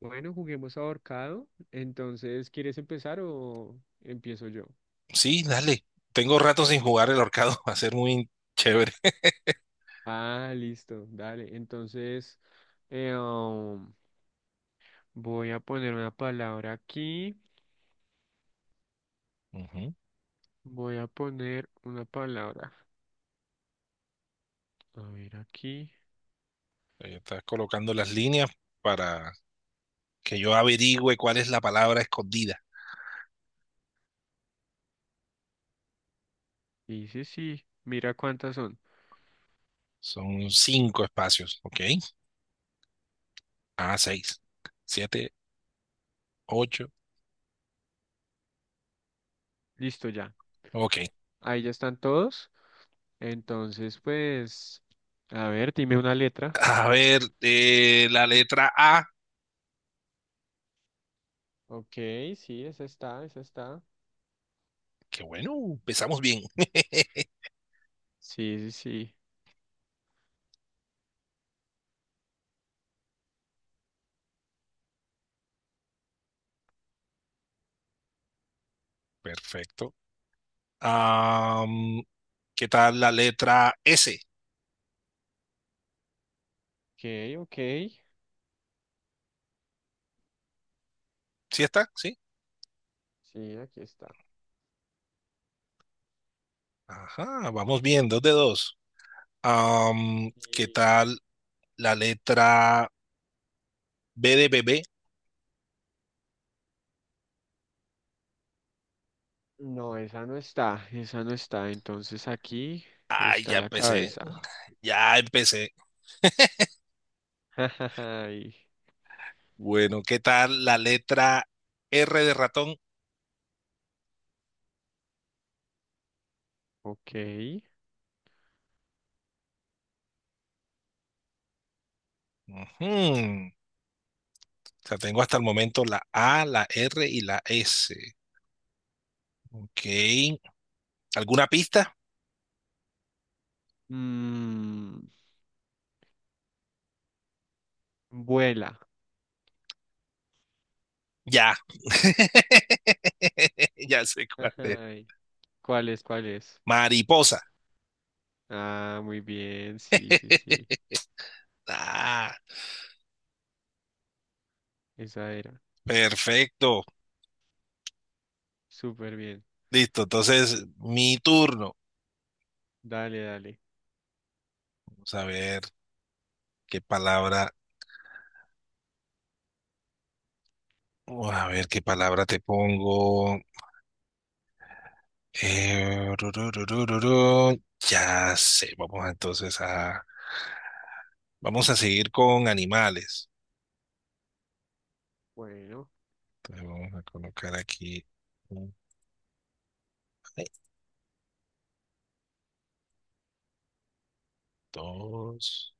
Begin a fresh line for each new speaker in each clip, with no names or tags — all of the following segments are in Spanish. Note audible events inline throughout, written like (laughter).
Bueno, juguemos ahorcado. Entonces, ¿quieres empezar o empiezo yo?
Sí, dale. Tengo rato sin jugar el ahorcado. (laughs) Va a ser muy chévere.
Ah, listo, dale. Entonces, eh, um, voy a poner una palabra aquí.
Ujú.
Voy a poner una palabra. A ver aquí.
Ahí estás colocando las líneas para que yo averigüe cuál es la palabra escondida.
Dice sí. Sí, mira cuántas son.
Son cinco espacios, ¿ok? Ah, seis, siete, ocho.
Listo ya.
Ok.
Ahí ya están todos. Entonces, pues, a ver, dime una letra.
A ver, la letra A.
Ok, sí, esa está, esa está.
Qué bueno, empezamos bien. (laughs)
Sí, sí, sí.
Perfecto. Am, ¿Qué tal la letra S?
Ok, ok.
¿Sí está? ¿Sí?
Sí, aquí está.
Ajá, vamos bien, dos de dos. ¿Qué
Y
tal la letra B de bebé?
no, esa no está, esa no está. Entonces aquí
Ay,
está
ya
la
empecé,
cabeza.
ya empecé.
(laughs) Ay,
Bueno, ¿qué tal la letra R de ratón?
ok.
Ujú. O sea, tengo hasta el momento la A, la R y la S. Ok. ¿Alguna pista?
Mm, vuela.
Ya. (laughs) Ya sé cuál es.
Ay, ¿cuál es? ¿Cuál es?
Mariposa.
Ah, muy bien, sí, sí, sí.
(laughs) Ah.
Esa era.
Perfecto.
Súper bien.
Listo. Entonces, mi turno.
Dale, dale.
Vamos a ver qué palabra, oh, a ver qué palabra te pongo. Ru, ru, ru, ru, ru, ru. Ya sé. Vamos entonces a, vamos a seguir con animales.
Bueno,
Entonces, vamos a colocar aquí un, dos,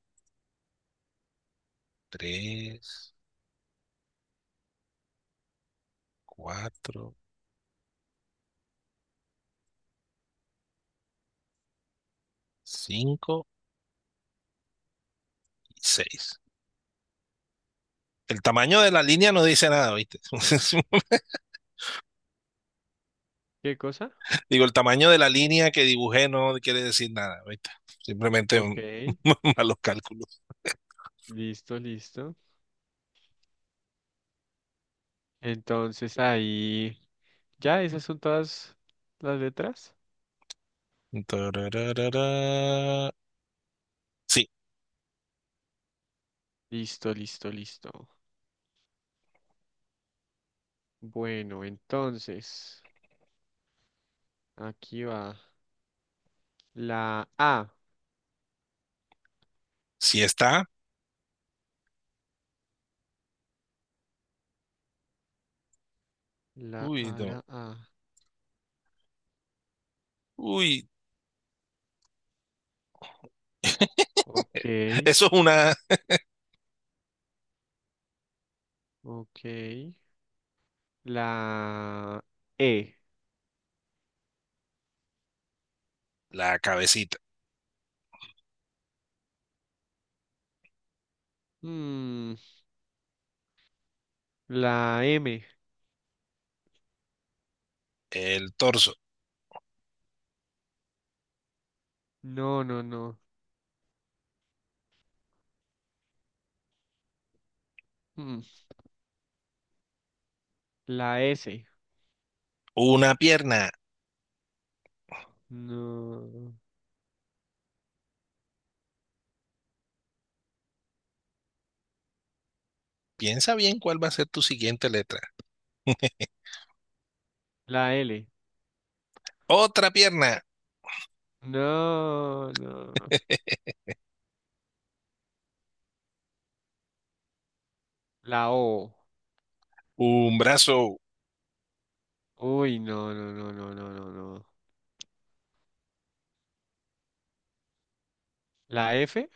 tres, cuatro, cinco y seis. El tamaño de la línea no dice nada, ¿viste? (laughs)
¿qué cosa?
Digo, el tamaño de la línea que dibujé no quiere decir nada, ¿viste? Simplemente
Ok,
un, (laughs) malos cálculos.
listo, listo. Entonces ahí, ya, esas son todas las letras.
Sí,
Listo, listo, listo. Bueno, entonces. Aquí va. La A.
sí está.
La
Uy,
A,
no.
la A.
Uy, (laughs)
Ok,
eso es una,
ok. La E.
la cabecita,
Mm, la M.
el torso,
No, no, no. Mm, la S.
una pierna.
No.
Piensa bien cuál va a ser tu siguiente letra. (laughs)
La L.
Otra pierna,
No, no. La O.
un brazo.
Uy, no, no, no, no, no, no, no. La F.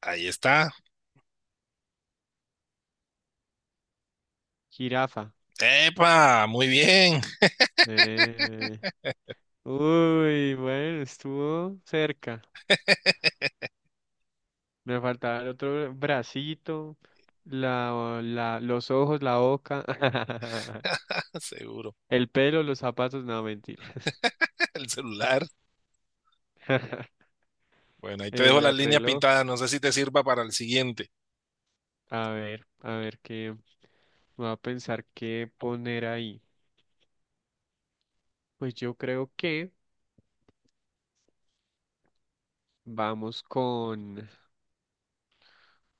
Ahí está.
Jirafa.
¡Epa! Muy bien.
Eh, Uy, bueno, estuvo cerca. Me faltaba el otro bracito, los ojos, la boca, (laughs)
(laughs) Seguro.
el pelo, los zapatos, no, mentira.
El celular.
(laughs)
Bueno, ahí te dejo las
El
líneas
reloj.
pintadas. No sé si te sirva para el siguiente.
A ver qué. Voy a pensar qué poner ahí. Pues yo creo que vamos con.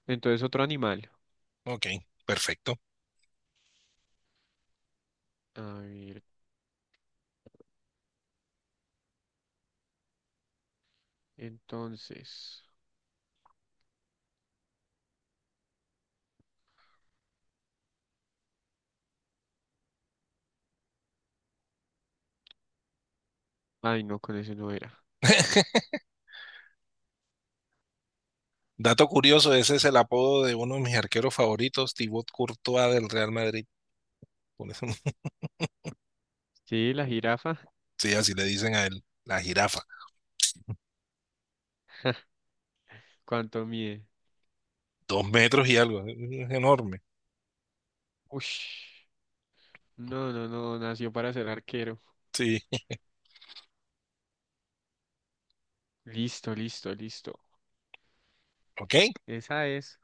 Entonces, otro animal.
Ok, perfecto.
A ver, entonces. Ay, no, con ese no era.
Dato curioso, ese es el apodo de uno de mis arqueros favoritos, Thibaut Courtois del Real Madrid. Por eso, (laughs)
Sí, la jirafa.
sí, así le dicen a él, la jirafa.
¿Cuánto mide?
2 metros y algo, es enorme.
Ush. No, no, no, nació para ser arquero.
Sí,
Listo, listo, listo.
ok.
Esa es.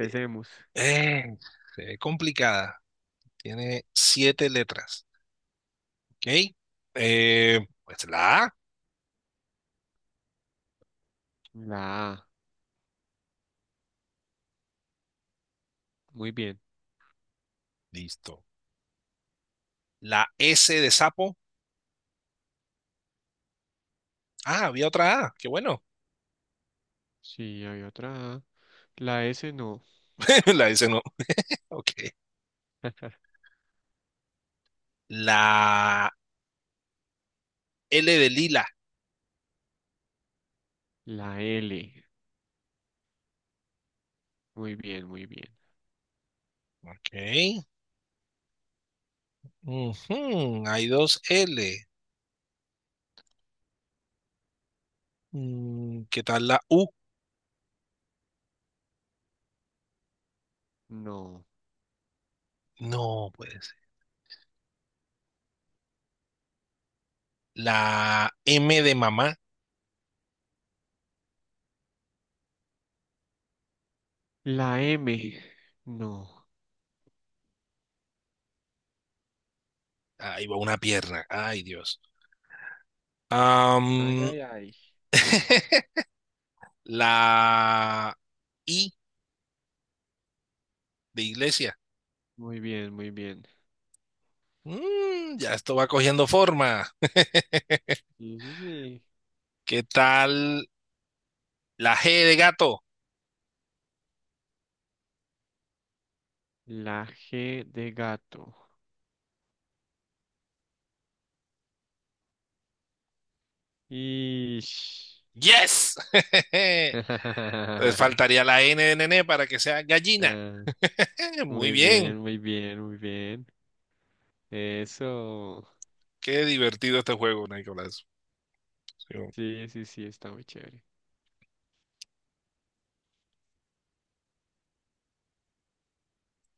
Eh, eh, se ve complicada. Tiene siete letras. Ok. Pues la A,
La A. Muy bien.
listo. La S de sapo. Ah, había otra A, qué bueno.
Sí, hay otra A. La S no.
(laughs) La S no. Ok.
(laughs)
La L de lila.
La L. Muy bien, muy bien.
Ok. Ujú, hay dos L. ¿Qué tal la U?
No.
No, puede ser. La M de mamá.
La M. No.
Ahí va una pierna. Ay, Dios.
Ay,
Am,
ay, ay.
(laughs) la I de iglesia.
Muy bien, muy bien.
Ya esto va cogiendo forma. (laughs)
Sí, sí, sí.
¿Qué tal la G de gato?
La G de gato. Ish.
¡Yes! (laughs) Entonces
(laughs)
faltaría la N de nene para que sea gallina.
Ah,
(laughs) Muy
muy
bien.
bien, muy bien, muy bien. Eso.
Qué divertido este juego, Nicolás. Sí.
Sí, sí, sí, está muy chévere.